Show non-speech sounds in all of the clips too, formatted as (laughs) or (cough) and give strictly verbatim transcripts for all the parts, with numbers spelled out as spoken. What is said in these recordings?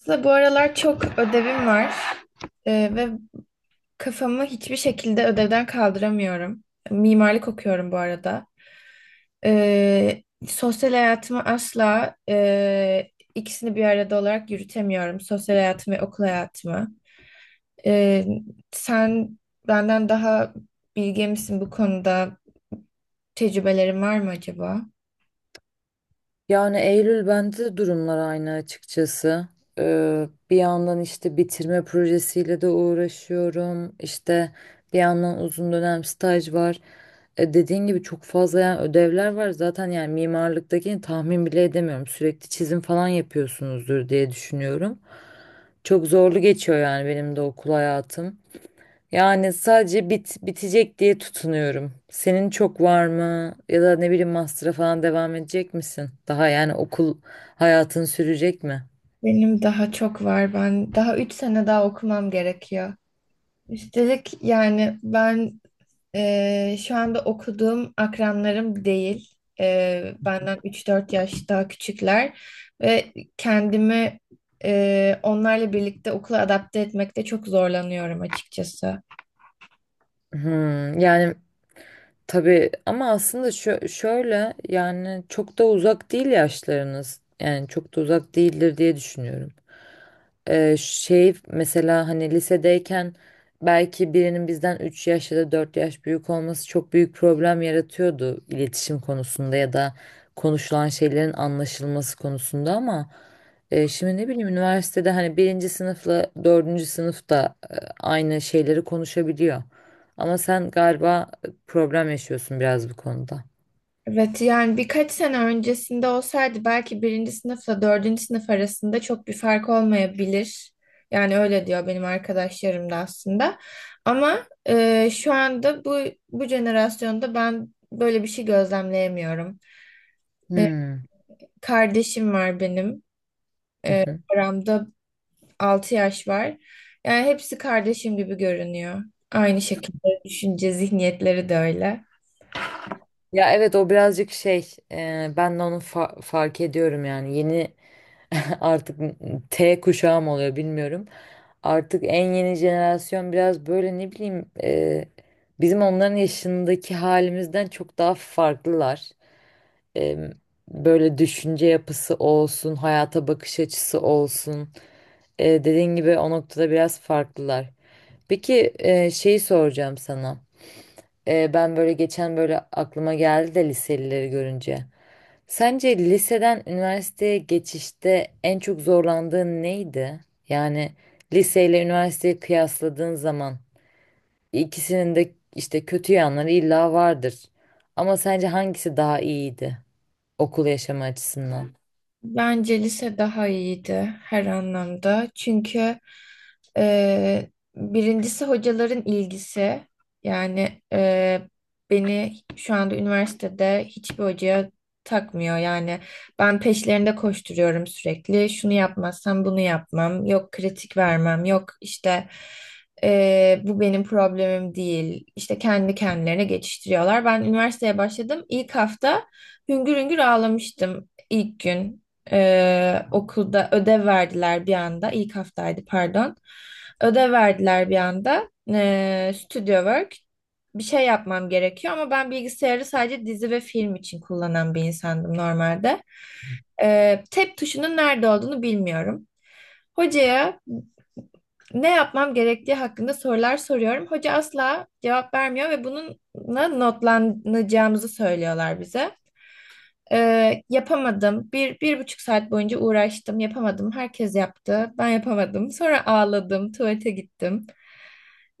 Aslında bu aralar çok ödevim var. Ee, ve kafamı hiçbir şekilde ödevden kaldıramıyorum. Mimarlık okuyorum bu arada. Ee, sosyal hayatımı asla e, ikisini bir arada olarak yürütemiyorum. Sosyal hayatımı ve okul hayatımı. Ee, sen benden daha bilge misin bu konuda? Tecrübelerin var mı acaba? Yani Eylül bende de durumlar aynı açıkçası. Ee, bir yandan işte bitirme projesiyle de uğraşıyorum. İşte bir yandan uzun dönem staj var. E, dediğin gibi çok fazla yani ödevler var. Zaten yani mimarlıktakini tahmin bile edemiyorum. Sürekli çizim falan yapıyorsunuzdur diye düşünüyorum. Çok zorlu geçiyor yani benim de okul hayatım. Yani sadece bit bitecek diye tutunuyorum. Senin çok var mı? Ya da ne bileyim master'a falan devam edecek misin? Daha yani okul hayatın sürecek mi? Benim daha çok var. Ben daha üç sene daha okumam gerekiyor. Üstelik yani ben Ee, şu anda okuduğum akranlarım değil. Ee, benden üç dört yaş daha küçükler ve kendimi e, onlarla birlikte okula adapte etmekte çok zorlanıyorum açıkçası. Hmm, yani tabii ama aslında şö- şöyle yani çok da uzak değil yaşlarınız. Yani çok da uzak değildir diye düşünüyorum. Ee, şey mesela hani lisedeyken belki birinin bizden üç yaş ya da dört yaş büyük olması çok büyük problem yaratıyordu iletişim konusunda ya da konuşulan şeylerin anlaşılması konusunda ama e, şimdi ne bileyim üniversitede hani birinci sınıfla dördüncü sınıfta aynı şeyleri konuşabiliyor. Ama sen galiba e, problem yaşıyorsun biraz bu konuda. Evet, yani birkaç sene öncesinde olsaydı belki birinci sınıfla dördüncü sınıf arasında çok bir fark olmayabilir. Yani öyle diyor benim arkadaşlarım da aslında. Ama e, şu anda bu bu jenerasyonda ben böyle bir şey gözlemleyemiyorum. E, Hmm. kardeşim var benim. Hı E, hı. aramda altı yaş var. Yani hepsi kardeşim gibi görünüyor. Aynı şekilde düşünce zihniyetleri de öyle. Ya evet o birazcık şey e, ben de onu fa- fark ediyorum yani yeni (laughs) artık T kuşağı mı oluyor bilmiyorum. Artık en yeni jenerasyon biraz böyle ne bileyim e, bizim onların yaşındaki halimizden çok daha farklılar. E, böyle düşünce yapısı olsun, hayata bakış açısı olsun. E, dediğin gibi o noktada biraz farklılar. Peki e, şeyi soracağım sana. E, ben böyle geçen böyle aklıma geldi de liselileri görünce. Sence liseden üniversiteye geçişte en çok zorlandığın neydi? Yani liseyle üniversiteyi kıyasladığın zaman ikisinin de işte kötü yanları illa vardır. Ama sence hangisi daha iyiydi okul yaşamı açısından? Bence lise daha iyiydi her anlamda. Çünkü e, birincisi hocaların ilgisi. Yani e, beni şu anda üniversitede hiçbir hocaya takmıyor. Yani ben peşlerinde koşturuyorum sürekli. Şunu yapmazsam bunu yapmam. Yok kritik vermem. Yok işte, e, bu benim problemim değil. İşte kendi kendilerine geçiştiriyorlar. Ben üniversiteye başladım. İlk hafta hüngür hüngür ağlamıştım ilk gün. Ee, okulda ödev verdiler bir anda. İlk haftaydı, pardon. Ödev verdiler bir anda. Ee, studio work. Bir şey yapmam gerekiyor ama ben bilgisayarı sadece dizi ve film için kullanan bir insandım normalde. Ee, tab tuşunun nerede olduğunu bilmiyorum. Hocaya ne yapmam gerektiği hakkında sorular soruyorum. Hoca asla cevap vermiyor ve bununla notlanacağımızı söylüyorlar bize. Ee, yapamadım. Bir, bir buçuk saat boyunca uğraştım. Yapamadım. Herkes yaptı. Ben yapamadım. (laughs) Sonra ağladım. Tuvalete gittim.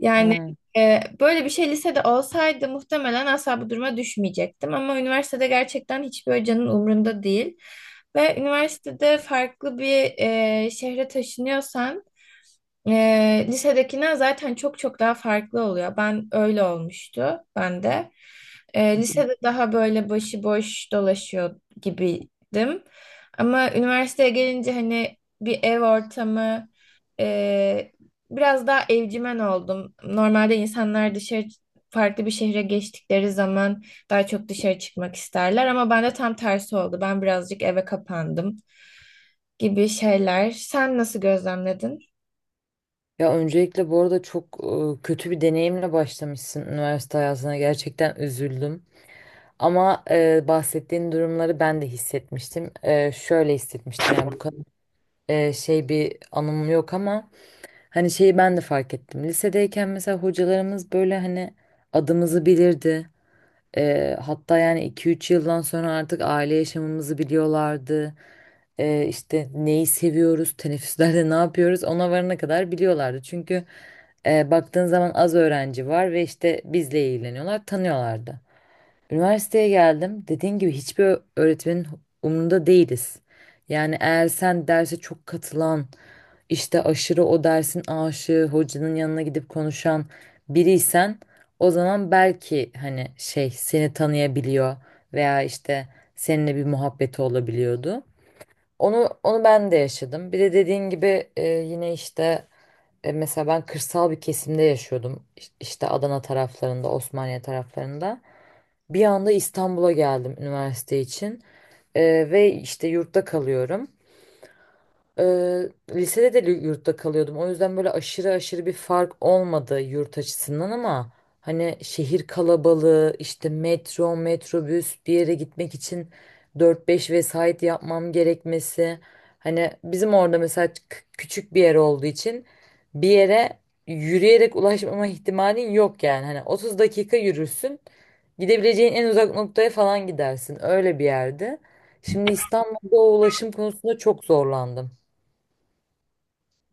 Yani Hmm. e, böyle bir şey lisede olsaydı muhtemelen asla bu duruma düşmeyecektim. Ama üniversitede gerçekten hiçbir hocanın umrunda değil. Ve üniversitede farklı bir e, şehre taşınıyorsan, ee, lisedekinden zaten çok çok daha farklı oluyor. Ben öyle olmuştu ben de. Ee, lisede daha böyle başıboş dolaşıyor gibiydim. Ama üniversiteye gelince hani bir ev ortamı, e, biraz daha evcimen oldum. Normalde insanlar dışarı farklı bir şehre geçtikleri zaman daha çok dışarı çıkmak isterler ama bende tam tersi oldu. Ben birazcık eve kapandım gibi şeyler. Sen nasıl gözlemledin? Ya öncelikle bu arada çok e, kötü bir deneyimle başlamışsın üniversite hayatına. Gerçekten üzüldüm. Ama e, bahsettiğin durumları ben de hissetmiştim. E, şöyle hissetmiştim yani bu kadar e, şey bir anım yok ama hani şeyi ben de fark ettim. Lisedeyken mesela hocalarımız böyle hani adımızı bilirdi. E, hatta yani iki üç yıldan sonra artık aile yaşamımızı biliyorlardı. E, işte neyi seviyoruz, teneffüslerde (laughs) ne yapıyoruz ona varana kadar biliyorlardı. Çünkü e, baktığın zaman az öğrenci var ve işte bizle ilgileniyorlar, tanıyorlardı. Üniversiteye geldim. Dediğin gibi hiçbir ö- öğretmenin umrunda değiliz. Yani eğer sen derse çok katılan, işte aşırı o dersin aşığı, hocanın yanına gidip konuşan biriysen o zaman belki hani şey seni tanıyabiliyor veya işte seninle bir muhabbeti olabiliyordu. Onu onu ben de yaşadım. Bir de dediğin gibi e, yine işte e, mesela ben kırsal bir kesimde yaşıyordum. İş- İşte Adana taraflarında, Osmaniye taraflarında. Bir anda İstanbul'a geldim üniversite için. Ee, ve işte yurtta kalıyorum. Eee, lisede de yurtta kalıyordum. O yüzden böyle aşırı aşırı bir fark olmadı yurt açısından ama hani şehir kalabalığı, işte metro, metrobüs bir yere gitmek için dört beş vesait yapmam gerekmesi. Hani bizim orada mesela k- küçük bir yer olduğu için bir yere yürüyerek ulaşmama ihtimalin yok yani. Hani otuz dakika yürürsün. Gidebileceğin en uzak noktaya falan gidersin. Öyle bir yerde. Şimdi İstanbul'da o ulaşım konusunda çok zorlandım.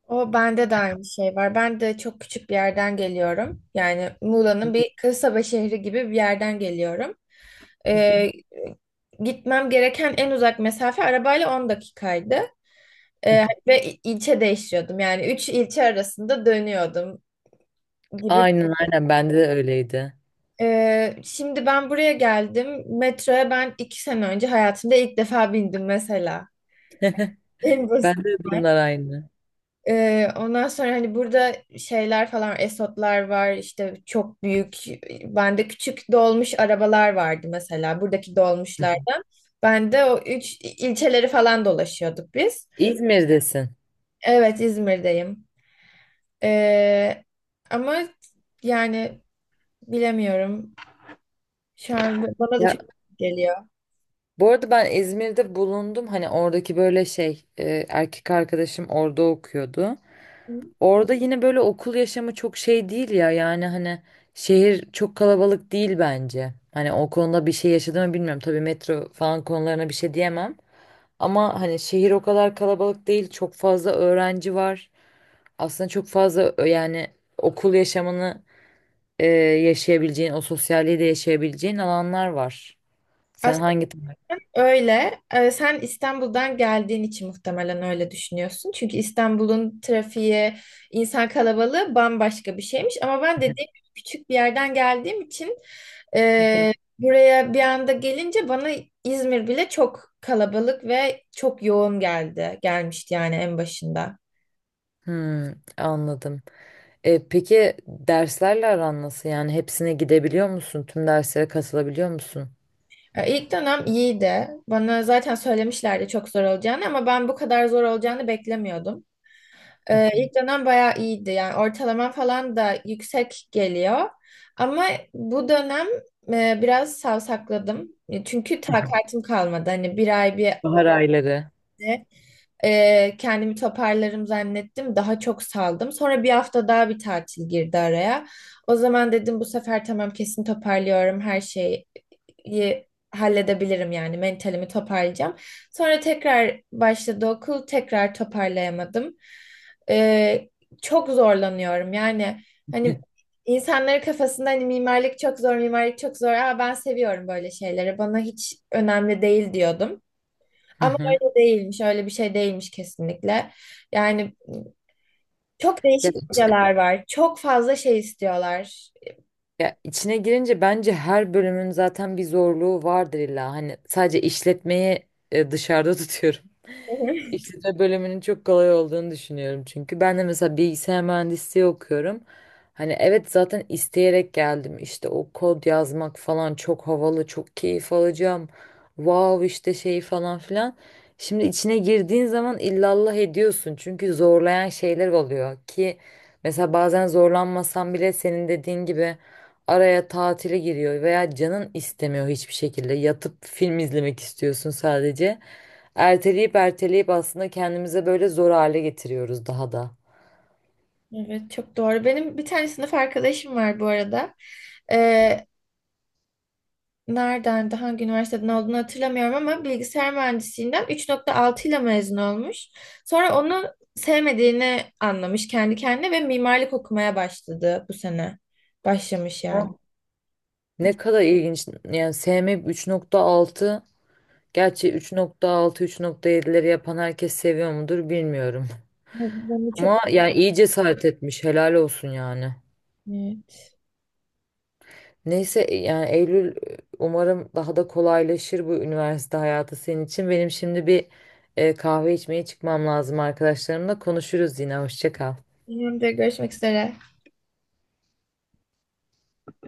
O bende de aynı şey var. Ben de çok küçük bir yerden geliyorum. Yani Hı Muğla'nın bir kasaba şehri gibi bir yerden geliyorum. hı. Ee, gitmem gereken en uzak mesafe arabayla on dakikaydı. Ee, ve il- ilçe değişiyordum. Yani üç ilçe arasında dönüyordum gibi. Aynen aynen bende de öyleydi. Ee, şimdi ben buraya geldim. Metroya ben iki sene önce hayatımda ilk defa bindim mesela. En basit. Bende de durumlar aynı. Ee, ondan sonra hani burada şeyler falan Esotlar var işte çok büyük, bende küçük dolmuş arabalar vardı mesela buradaki Hı hı. dolmuşlardan. Ben de o üç ilçeleri falan dolaşıyorduk biz. İzmir'desin. Evet, İzmir'deyim. Ee, ama yani bilemiyorum. Şu an bu- bana da Ya çok geliyor. bu arada ben İzmir'de bulundum. Hani oradaki böyle şey e, erkek arkadaşım orada okuyordu. Orada yine böyle okul yaşamı çok şey değil ya. Yani hani şehir çok kalabalık değil bence. Hani o konuda bir şey yaşadım mı bilmiyorum. Tabii metro falan konularına bir şey diyemem. Ama hani şehir o kadar kalabalık değil. Çok fazla öğrenci var. Aslında çok fazla ö- yani okul yaşamını e, yaşayabileceğin, o sosyalliği de yaşayabileceğin alanlar var. Sen hangi tarafı? Öyle. Ee, sen İstanbul'dan geldiğin için muhtemelen öyle düşünüyorsun. Çünkü İstanbul'un trafiği, insan kalabalığı bambaşka bir şeymiş. Ama ben dediğim gibi küçük bir yerden geldiğim için e, buraya bir anda gelince bana İzmir bile çok kalabalık ve çok yoğun geldi. Gelmişti yani en başında. Hmm, anladım. E, peki derslerle aran nasıl? Yani hepsine gidebiliyor musun? Tüm derslere katılabiliyor musun? Ee, İlk dönem iyiydi. Bana zaten söylemişlerdi çok zor olacağını ama ben bu kadar zor olacağını beklemiyordum. Hı Ee, hı. ilk dönem bayağı iyiydi. Yani ortalama falan da yüksek geliyor. Ama bu dönem e, biraz savsakladım. E, Çünkü takatim kalmadı. Hani bir ay bir Bahar ayları. e, kendimi toparlarım zannettim. Daha çok saldım. Sonra bir hafta daha bir tatil girdi araya. O zaman dedim bu sefer tamam, kesin toparlıyorum, her şey iyi halledebilirim yani mentalimi toparlayacağım. Sonra tekrar başladı okul, tekrar toparlayamadım. Ee, çok zorlanıyorum yani hani insanların kafasında, hani mimarlık çok zor mimarlık çok zor. Aa, ben seviyorum böyle şeyleri, bana hiç önemli değil diyordum. Hı Ama hı. öyle değilmiş öyle bir şey değilmiş kesinlikle. Yani çok Ya, değişik hocalar var, çok fazla şey istiyorlar. ya içine girince bence her bölümün zaten bir zorluğu vardır illa. Hani sadece işletmeyi e, dışarıda (laughs) tutuyorum. (laughs) İkisi de bölümünün çok kolay olduğunu düşünüyorum çünkü. Ben de mesela bilgisayar mühendisliği okuyorum. Hani evet zaten isteyerek geldim. İşte o kod yazmak falan çok havalı, çok keyif alacağım. Wow işte şey falan filan. Şimdi içine girdiğin zaman illallah ediyorsun. Çünkü zorlayan şeyler oluyor ki mesela bazen zorlanmasan bile senin dediğin gibi araya tatile giriyor veya canın istemiyor hiçbir şekilde. Yatıp film izlemek istiyorsun sadece. Erteleyip erteleyip aslında kendimize böyle zor hale getiriyoruz daha da. Evet, çok doğru. Benim bir tane sınıf arkadaşım var bu arada. Ee, nereden, de hangi üniversiteden olduğunu hatırlamıyorum ama bilgisayar mühendisliğinden üç nokta altı ile mezun olmuş. Sonra onu sevmediğini anlamış kendi kendine ve mimarlık okumaya başladı bu sene. Başlamış yani. Hı. Ne kadar ilginç. Yani S M üç nokta altı gerçi üç nokta altı üç nokta yedileri yapan herkes seviyor mudur bilmiyorum. Evet, ben de çok... Ama yani iyi cesaret etmiş. Helal olsun yani. Evet. Neyse yani Eylül umarım daha da kolaylaşır bu üniversite hayatı senin için. Benim şimdi bir e, kahve içmeye çıkmam lazım arkadaşlarımla. Konuşuruz yine. Hoşça kal. Benim de görüşmek üzere.